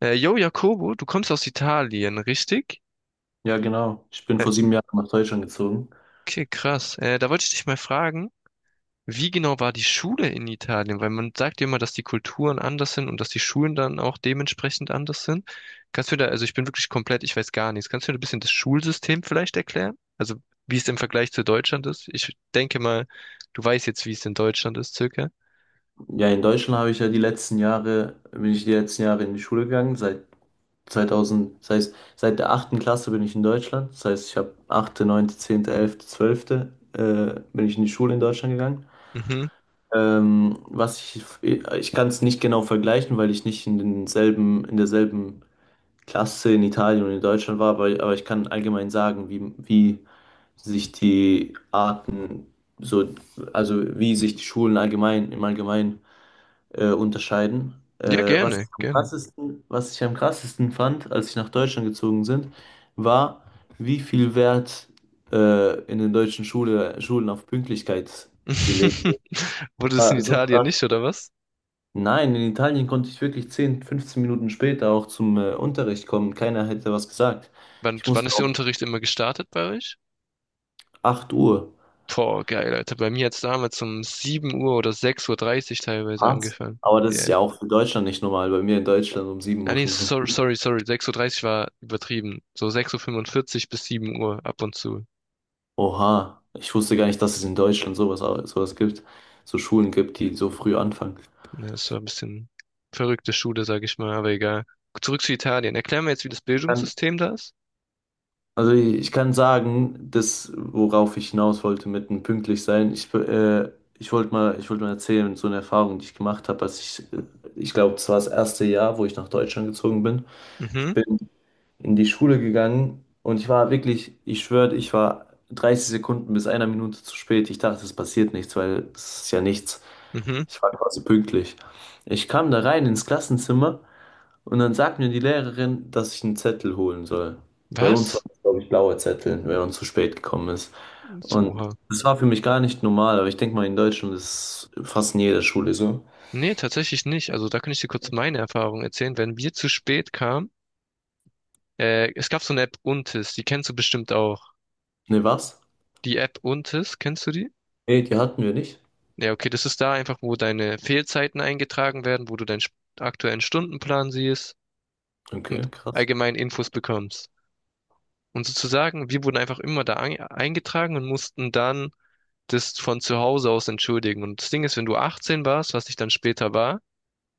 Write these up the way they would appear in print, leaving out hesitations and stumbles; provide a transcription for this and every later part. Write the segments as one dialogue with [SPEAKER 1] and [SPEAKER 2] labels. [SPEAKER 1] Yo, Jakobo, du kommst aus Italien, richtig?
[SPEAKER 2] Ja, genau. Ich bin
[SPEAKER 1] Äh,
[SPEAKER 2] vor 7 Jahren nach Deutschland gezogen.
[SPEAKER 1] okay, krass. Da wollte ich dich mal fragen, wie genau war die Schule in Italien? Weil man sagt ja immer, dass die Kulturen anders sind und dass die Schulen dann auch dementsprechend anders sind. Kannst du da, also ich bin wirklich komplett, ich weiß gar nichts. Kannst du mir ein bisschen das Schulsystem vielleicht erklären? Also wie es im Vergleich zu Deutschland ist? Ich denke mal, du weißt jetzt, wie es in Deutschland ist, circa.
[SPEAKER 2] Ja, in Deutschland habe ich ja die letzten Jahre, bin ich die letzten Jahre in die Schule gegangen. Seit 2000, das heißt, seit der achten Klasse bin ich in Deutschland. Das heißt, ich habe achte, neunte, 10., 11., 12., bin ich in die Schule in Deutschland gegangen.
[SPEAKER 1] Mhm.
[SPEAKER 2] Ich kann es nicht genau vergleichen, weil ich nicht in denselben, in derselben Klasse in Italien und in Deutschland war, aber ich kann allgemein sagen, wie sich die Arten, so, also wie sich die Schulen allgemein, im Allgemeinen unterscheiden.
[SPEAKER 1] Ja,
[SPEAKER 2] Was ich
[SPEAKER 1] gerne,
[SPEAKER 2] am
[SPEAKER 1] gerne.
[SPEAKER 2] krassesten, was ich am krassesten fand, als ich nach Deutschland gezogen sind, war, wie viel Wert in den deutschen Schule, Schulen auf Pünktlichkeit gelegt wird.
[SPEAKER 1] Wurde es in
[SPEAKER 2] War so
[SPEAKER 1] Italien
[SPEAKER 2] krass.
[SPEAKER 1] nicht, oder was?
[SPEAKER 2] Nein, in Italien konnte ich wirklich 10 15 Minuten später auch zum Unterricht kommen. Keiner hätte was gesagt.
[SPEAKER 1] Wann,
[SPEAKER 2] Ich
[SPEAKER 1] wann
[SPEAKER 2] musste
[SPEAKER 1] ist der
[SPEAKER 2] auch
[SPEAKER 1] Unterricht immer gestartet bei euch?
[SPEAKER 2] 8 Uhr.
[SPEAKER 1] Boah, geil, Alter. Bei mir hat's damals um 7 Uhr oder sechs Uhr dreißig teilweise
[SPEAKER 2] Was?
[SPEAKER 1] angefangen.
[SPEAKER 2] Aber das ist
[SPEAKER 1] Ja.
[SPEAKER 2] ja auch für Deutschland nicht normal. Bei mir in Deutschland um sieben
[SPEAKER 1] Ah,
[SPEAKER 2] Uhr.
[SPEAKER 1] nee, sorry,
[SPEAKER 2] fünfundfünfzig.
[SPEAKER 1] sorry, sorry. Sechs Uhr dreißig war übertrieben. So sechs Uhr fünfundvierzig bis 7 Uhr ab und zu.
[SPEAKER 2] Oha, ich wusste gar nicht, dass es in Deutschland sowas, sowas gibt, so Schulen gibt, die so früh anfangen.
[SPEAKER 1] Ja, das war ein bisschen verrückte Schule, sag ich mal, aber egal. Zurück zu Italien. Erklär mir jetzt, wie das
[SPEAKER 2] Dann-
[SPEAKER 1] Bildungssystem da ist.
[SPEAKER 2] Also ich kann sagen, das, worauf ich hinaus wollte mit dem pünktlich sein, ich wollte mal erzählen, so eine Erfahrung, die ich gemacht habe, ich glaube, das war das erste Jahr, wo ich nach Deutschland gezogen bin. Ich
[SPEAKER 1] Mhm,
[SPEAKER 2] bin in die Schule gegangen und ich war wirklich, ich schwöre, ich war 30 Sekunden bis einer Minute zu spät. Ich dachte, es passiert nichts, weil es ist ja nichts.
[SPEAKER 1] mhm.
[SPEAKER 2] Ich war quasi pünktlich. Ich kam da rein ins Klassenzimmer und dann sagt mir die Lehrerin, dass ich einen Zettel holen soll. Bei uns war
[SPEAKER 1] Was?
[SPEAKER 2] es, glaube ich, blauer Zettel, wenn man zu spät gekommen ist. Und
[SPEAKER 1] Oha.
[SPEAKER 2] das war für mich gar nicht normal, aber ich denke mal, in Deutschland ist es fast in jeder Schule so.
[SPEAKER 1] Nee, tatsächlich nicht. Also da kann ich dir kurz meine Erfahrung erzählen. Wenn wir zu spät kamen, es gab so eine App Untis, die kennst du bestimmt auch.
[SPEAKER 2] Ne, was?
[SPEAKER 1] Die App Untis, kennst du die?
[SPEAKER 2] Nee, die hatten wir nicht.
[SPEAKER 1] Ja, okay, das ist da einfach, wo deine Fehlzeiten eingetragen werden, wo du deinen st- aktuellen Stundenplan siehst und
[SPEAKER 2] Okay, krass.
[SPEAKER 1] allgemein Infos bekommst. Und sozusagen, wir wurden einfach immer da ein- eingetragen und mussten dann das von zu Hause aus entschuldigen. Und das Ding ist, wenn du 18 warst, was ich dann später war,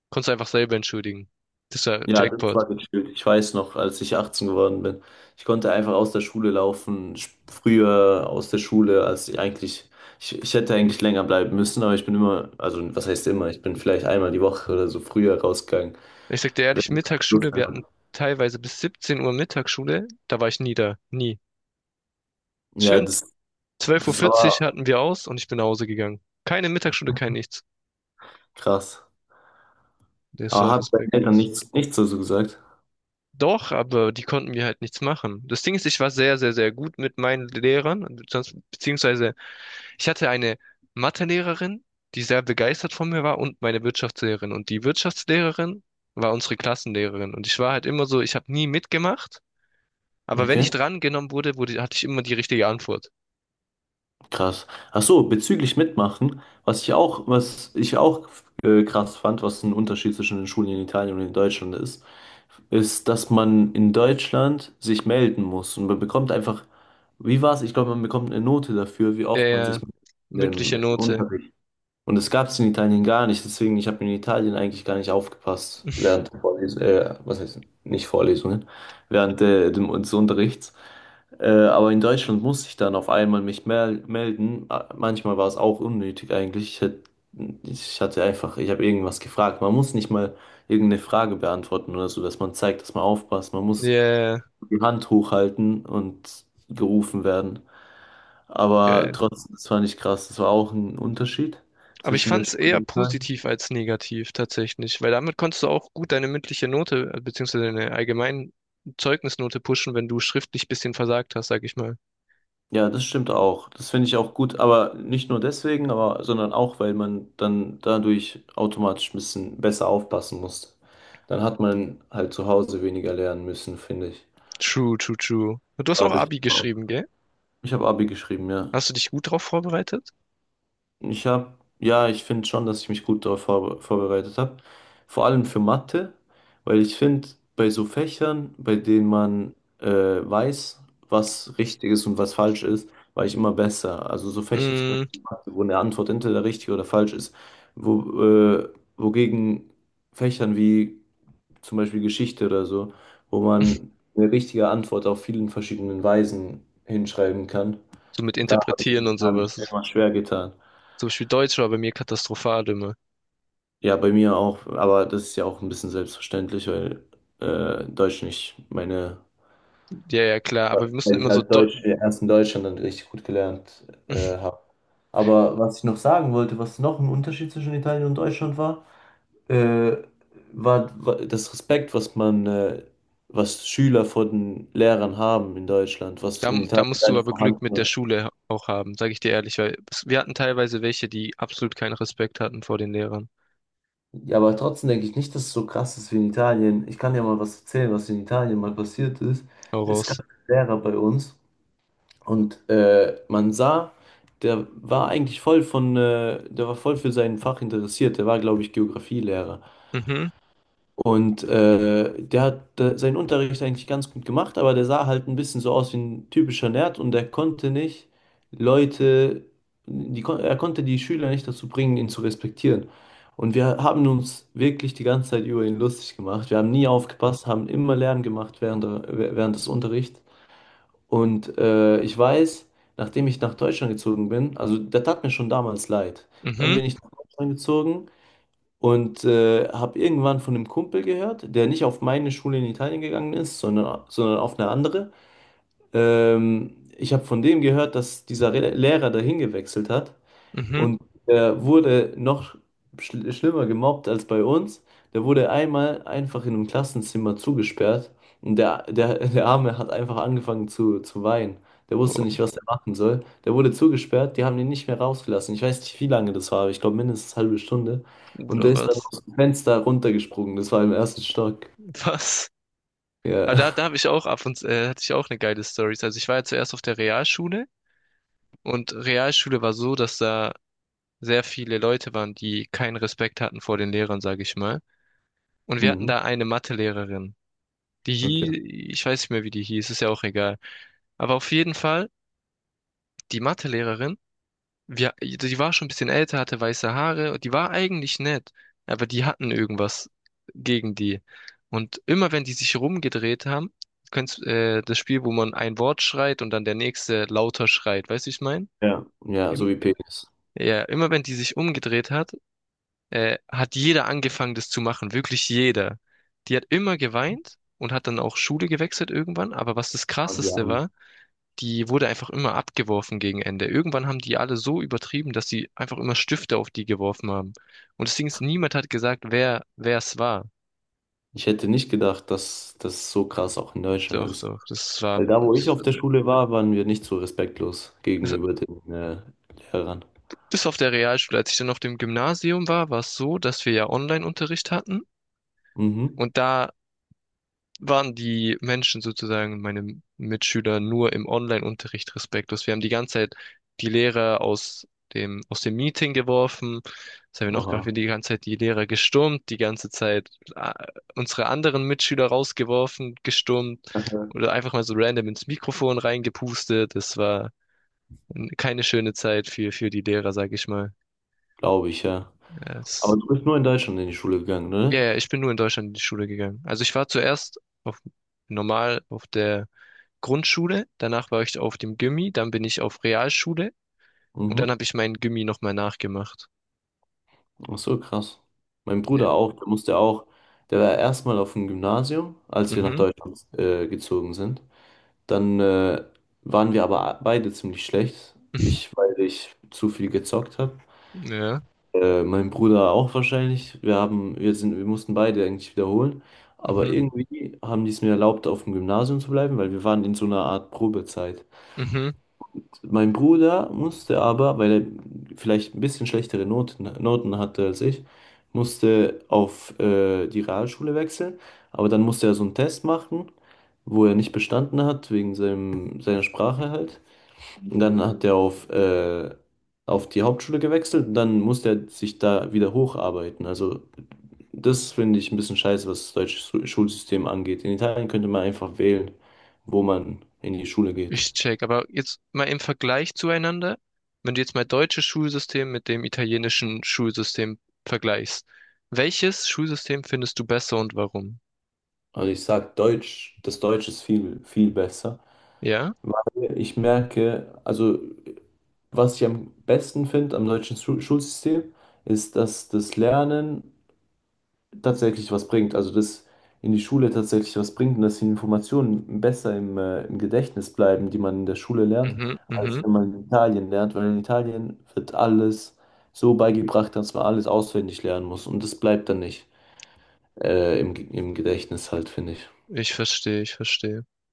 [SPEAKER 1] konntest du einfach selber entschuldigen. Das war
[SPEAKER 2] Ja, das
[SPEAKER 1] Jackpot.
[SPEAKER 2] war gechillt. Ich weiß noch, als ich 18 geworden bin. Ich konnte einfach aus der Schule laufen, früher aus der Schule, als ich eigentlich, ich hätte eigentlich länger bleiben müssen, aber ich bin immer, also was heißt immer, ich bin vielleicht einmal die Woche oder so früher rausgegangen,
[SPEAKER 1] Ich sag dir
[SPEAKER 2] wenn
[SPEAKER 1] ehrlich,
[SPEAKER 2] ich Lust
[SPEAKER 1] Mittagsschule, wir
[SPEAKER 2] hatte.
[SPEAKER 1] hatten teilweise bis 17 Uhr Mittagsschule, da war ich nie da. Nie.
[SPEAKER 2] Ja,
[SPEAKER 1] Schön,
[SPEAKER 2] das,
[SPEAKER 1] 12:40 Uhr
[SPEAKER 2] das
[SPEAKER 1] vierzig
[SPEAKER 2] war
[SPEAKER 1] hatten wir aus und ich bin nach Hause gegangen. Keine Mittagsschule, kein nichts.
[SPEAKER 2] krass.
[SPEAKER 1] Das
[SPEAKER 2] Aber
[SPEAKER 1] war
[SPEAKER 2] hat deinen Eltern
[SPEAKER 1] respektlos.
[SPEAKER 2] nichts, nichts dazu gesagt?
[SPEAKER 1] Doch, aber die konnten mir halt nichts machen. Das Ding ist, ich war sehr, sehr, sehr gut mit meinen Lehrern, sonst- beziehungsweise ich hatte eine Mathelehrerin, die sehr begeistert von mir war und meine Wirtschaftslehrerin. Und die Wirtschaftslehrerin war unsere Klassenlehrerin. Und ich war halt immer so, ich habe nie mitgemacht, aber wenn ich
[SPEAKER 2] Okay.
[SPEAKER 1] drangenommen wurde, hatte ich immer die richtige Antwort.
[SPEAKER 2] Krass. Ach so, bezüglich Mitmachen, was ich auch krass fand, was ein Unterschied zwischen den Schulen in Italien und in Deutschland ist, ist, dass man in Deutschland sich melden muss und man bekommt einfach, wie war's? Ich glaube, man bekommt eine Note dafür, wie
[SPEAKER 1] Ja,
[SPEAKER 2] oft man sich
[SPEAKER 1] ja,
[SPEAKER 2] im,
[SPEAKER 1] mündliche
[SPEAKER 2] im
[SPEAKER 1] Note.
[SPEAKER 2] Unterricht und das gab es in Italien gar nicht, deswegen ich habe in Italien eigentlich gar nicht aufgepasst während der Vorlesung, was heißt nicht Vorlesungen, während dem, des Unterrichts. Aber in Deutschland musste ich dann auf einmal mich melden. Manchmal war es auch unnötig eigentlich. Ich hatte einfach, ich habe irgendwas gefragt. Man muss nicht mal irgendeine Frage beantworten oder so, dass man zeigt, dass man aufpasst. Man muss
[SPEAKER 1] Ja,
[SPEAKER 2] die Hand hochhalten und gerufen werden.
[SPEAKER 1] ja,
[SPEAKER 2] Aber
[SPEAKER 1] ja.
[SPEAKER 2] trotzdem, das fand ich krass. Das war auch ein Unterschied
[SPEAKER 1] Aber ich
[SPEAKER 2] zwischen der
[SPEAKER 1] fand es eher
[SPEAKER 2] Schule.
[SPEAKER 1] positiv als negativ tatsächlich, weil damit konntest du auch gut deine mündliche Note, beziehungsweise deine allgemeine Zeugnisnote pushen, wenn du schriftlich bisschen versagt hast, sag ich mal.
[SPEAKER 2] Ja, das stimmt auch. Das finde ich auch gut, aber nicht nur deswegen, aber sondern auch, weil man dann dadurch automatisch ein bisschen besser aufpassen muss. Dann hat man halt zu Hause weniger lernen müssen, finde ich.
[SPEAKER 1] True, true, true. Und du hast auch
[SPEAKER 2] Dadurch,
[SPEAKER 1] Abi geschrieben, gell?
[SPEAKER 2] ich habe Abi geschrieben, ja.
[SPEAKER 1] Hast du dich gut drauf vorbereitet?
[SPEAKER 2] Ich habe, ja, ich finde schon, dass ich mich gut darauf vorbereitet habe. Vor allem für Mathe, weil ich finde, bei so Fächern, bei denen man weiß, was richtig ist und was falsch ist, war ich immer besser. Also so Fächer zum
[SPEAKER 1] Mm,
[SPEAKER 2] Beispiel, Mathe, wo eine Antwort entweder richtig oder falsch ist, wo, äh, wogegen Fächern wie zum Beispiel Geschichte oder so, wo man eine richtige Antwort auf vielen verschiedenen Weisen hinschreiben kann,
[SPEAKER 1] so mit
[SPEAKER 2] da habe
[SPEAKER 1] Interpretieren
[SPEAKER 2] ich,
[SPEAKER 1] und
[SPEAKER 2] hab ich mir
[SPEAKER 1] sowas.
[SPEAKER 2] immer schwer getan.
[SPEAKER 1] Zum Beispiel Deutsch war bei mir katastrophal immer.
[SPEAKER 2] Ja, bei mir auch, aber das ist ja auch ein bisschen selbstverständlich, weil Deutsch nicht meine,
[SPEAKER 1] Ja, ja, klar, aber wir mussten
[SPEAKER 2] weil ich
[SPEAKER 1] immer so
[SPEAKER 2] halt
[SPEAKER 1] Deu
[SPEAKER 2] Deutsch erst in Deutschland dann richtig gut gelernt habe. Aber was ich noch sagen wollte, was noch ein Unterschied zwischen Italien und Deutschland war, äh, war das Respekt, was man, was Schüler vor den Lehrern haben in Deutschland, was
[SPEAKER 1] Da,
[SPEAKER 2] in
[SPEAKER 1] da
[SPEAKER 2] Italien
[SPEAKER 1] musst
[SPEAKER 2] gar
[SPEAKER 1] du
[SPEAKER 2] nicht
[SPEAKER 1] aber
[SPEAKER 2] vorhanden
[SPEAKER 1] Glück mit der
[SPEAKER 2] war.
[SPEAKER 1] Schule auch haben, sage ich dir ehrlich, weil es- wir hatten teilweise welche, die absolut keinen Respekt hatten vor den Lehrern.
[SPEAKER 2] Ja, aber trotzdem denke ich nicht, dass es so krass ist wie in Italien. Ich kann ja mal was erzählen, was in Italien mal passiert ist.
[SPEAKER 1] Hau
[SPEAKER 2] Es gab
[SPEAKER 1] raus.
[SPEAKER 2] einen Lehrer bei uns. Und man sah, der war eigentlich der war voll für sein Fach interessiert. Der war, glaube ich, Geografielehrer.
[SPEAKER 1] Mhm,
[SPEAKER 2] Und der hat seinen Unterricht eigentlich ganz gut gemacht, aber der sah halt ein bisschen so aus wie ein typischer Nerd und der konnte nicht Leute, er konnte die Schüler nicht dazu bringen, ihn zu respektieren. Und wir haben uns wirklich die ganze Zeit über ihn lustig gemacht. Wir haben nie aufgepasst, haben immer Lärm gemacht während der, während des Unterrichts. Und ich weiß, nachdem ich nach Deutschland gezogen bin, also der tat mir schon damals leid. Dann
[SPEAKER 1] mhm,
[SPEAKER 2] bin ich nach Deutschland gezogen und habe irgendwann von einem Kumpel gehört, der nicht auf meine Schule in Italien gegangen ist, sondern auf eine andere. Ich habe von dem gehört, dass dieser Re Lehrer dahin gewechselt hat
[SPEAKER 1] mhm.
[SPEAKER 2] und der wurde noch schlimmer gemobbt als bei uns. Der wurde einmal einfach in einem Klassenzimmer zugesperrt und der Arme hat einfach angefangen zu weinen. Der wusste
[SPEAKER 1] Boah,
[SPEAKER 2] nicht, was er machen soll. Der wurde zugesperrt, die haben ihn nicht mehr rausgelassen. Ich weiß nicht, wie lange das war, aber ich glaube mindestens eine halbe Stunde. Und
[SPEAKER 1] Bruder,
[SPEAKER 2] der ist dann
[SPEAKER 1] was?
[SPEAKER 2] aus dem Fenster runtergesprungen. Das war im ersten Stock.
[SPEAKER 1] Was?
[SPEAKER 2] Ja.
[SPEAKER 1] Aber da habe ich auch ab und zu, hatte ich auch eine geile Story. Also ich war ja zuerst auf der Realschule und Realschule war so, dass da sehr viele Leute waren, die keinen Respekt hatten vor den Lehrern, sage ich mal. Und wir hatten
[SPEAKER 2] Mhm.
[SPEAKER 1] da eine Mathelehrerin. Die
[SPEAKER 2] Okay.
[SPEAKER 1] hieß, ich weiß nicht mehr, wie die hieß, ist ja auch egal. Aber auf jeden Fall, die Mathelehrerin wir, die war schon ein bisschen älter, hatte weiße Haare und die war eigentlich nett, aber die hatten irgendwas gegen die. Und immer wenn die sich rumgedreht haben, kennst das Spiel, wo man ein Wort schreit und dann der nächste lauter schreit, weißt du, wie ich meine?
[SPEAKER 2] Ja. Ja, so
[SPEAKER 1] Im-
[SPEAKER 2] wie Penis.
[SPEAKER 1] Ja, immer wenn die sich umgedreht hat, hat jeder angefangen, das zu machen, wirklich jeder. Die hat immer geweint und hat dann auch Schule gewechselt irgendwann, aber was das
[SPEAKER 2] Oh, die
[SPEAKER 1] Krasseste
[SPEAKER 2] Arme.
[SPEAKER 1] war, die wurde einfach immer abgeworfen gegen Ende. Irgendwann haben die alle so übertrieben, dass sie einfach immer Stifte auf die geworfen haben. Und deswegen ist niemand hat gesagt, wer es war.
[SPEAKER 2] Ich hätte nicht gedacht, dass das so krass auch in Deutschland
[SPEAKER 1] Doch,
[SPEAKER 2] ist.
[SPEAKER 1] doch,
[SPEAKER 2] Weil da, wo ich
[SPEAKER 1] das
[SPEAKER 2] auf
[SPEAKER 1] war
[SPEAKER 2] der
[SPEAKER 1] sehr-
[SPEAKER 2] Schule war, waren wir nicht so respektlos
[SPEAKER 1] das,
[SPEAKER 2] gegenüber den Lehrern.
[SPEAKER 1] bis auf der Realschule. Als ich dann auf dem Gymnasium war, war es so, dass wir ja Online-Unterricht hatten.
[SPEAKER 2] Mhm.
[SPEAKER 1] Und da waren die Menschen sozusagen, meine Mitschüler, nur im Online-Unterricht respektlos. Wir haben die ganze Zeit die Lehrer aus dem Meeting geworfen. Was haben wir noch gemacht?
[SPEAKER 2] Aha,
[SPEAKER 1] Wir haben die ganze Zeit die Lehrer gestürmt, die ganze Zeit äh, unsere anderen Mitschüler rausgeworfen, gestürmt oder einfach mal so random ins Mikrofon reingepustet. Es war keine schöne Zeit für die Lehrer, sage ich mal.
[SPEAKER 2] glaube ich, ja.
[SPEAKER 1] Ja,
[SPEAKER 2] Aber
[SPEAKER 1] Es,
[SPEAKER 2] du bist nur in Deutschland in die Schule gegangen,
[SPEAKER 1] ja,
[SPEAKER 2] ne?
[SPEAKER 1] ja, ich bin nur in Deutschland in die Schule gegangen. Also ich war zuerst auf normal auf der Grundschule, danach war ich auf dem Gymi, dann bin ich auf Realschule und dann
[SPEAKER 2] Mhm.
[SPEAKER 1] habe ich meinen Gymi nochmal nachgemacht.
[SPEAKER 2] Ach so, krass. Mein
[SPEAKER 1] Ja.
[SPEAKER 2] Bruder auch, der musste auch, der war erstmal auf dem Gymnasium, als wir nach
[SPEAKER 1] Mhm.
[SPEAKER 2] Deutschland gezogen sind. Dann waren wir aber beide ziemlich schlecht. Ich, weil ich zu viel gezockt habe.
[SPEAKER 1] Ja.
[SPEAKER 2] Mein Bruder auch wahrscheinlich. Wir haben, wir sind, wir mussten beide eigentlich wiederholen. Aber
[SPEAKER 1] Mhm.
[SPEAKER 2] irgendwie haben die es mir erlaubt, auf dem Gymnasium zu bleiben, weil wir waren in so einer Art Probezeit.
[SPEAKER 1] Mhm.
[SPEAKER 2] Mein Bruder musste aber, weil er vielleicht ein bisschen schlechtere Noten hatte als ich, musste auf die Realschule wechseln. Aber dann musste er so einen Test machen, wo er nicht bestanden hat, wegen seinem, seiner Sprache halt. Und dann hat er auf, auf die Hauptschule gewechselt und dann musste er sich da wieder hocharbeiten. Also das finde ich ein bisschen scheiße, was das deutsche Schulsystem angeht. In Italien könnte man einfach wählen, wo man in die Schule geht.
[SPEAKER 1] Ich check. Aber jetzt mal im Vergleich zueinander, wenn du jetzt mal deutsches Schulsystem mit dem italienischen Schulsystem vergleichst, welches Schulsystem findest du besser und warum?
[SPEAKER 2] Also ich sag Deutsch, das Deutsch ist viel, viel besser,
[SPEAKER 1] Ja?
[SPEAKER 2] weil ich merke, also was ich am besten finde am deutschen Schulsystem, ist, dass das Lernen tatsächlich was bringt. Also dass in die Schule tatsächlich was bringt und dass die Informationen besser im Gedächtnis bleiben, die man in der Schule lernt,
[SPEAKER 1] Mhm.
[SPEAKER 2] als
[SPEAKER 1] Mhm.
[SPEAKER 2] wenn man in Italien lernt, weil in Italien wird alles so beigebracht, dass man alles auswendig lernen muss und das bleibt dann nicht im Gedächtnis halt, finde ich.
[SPEAKER 1] Ich verstehe, ich verstehe.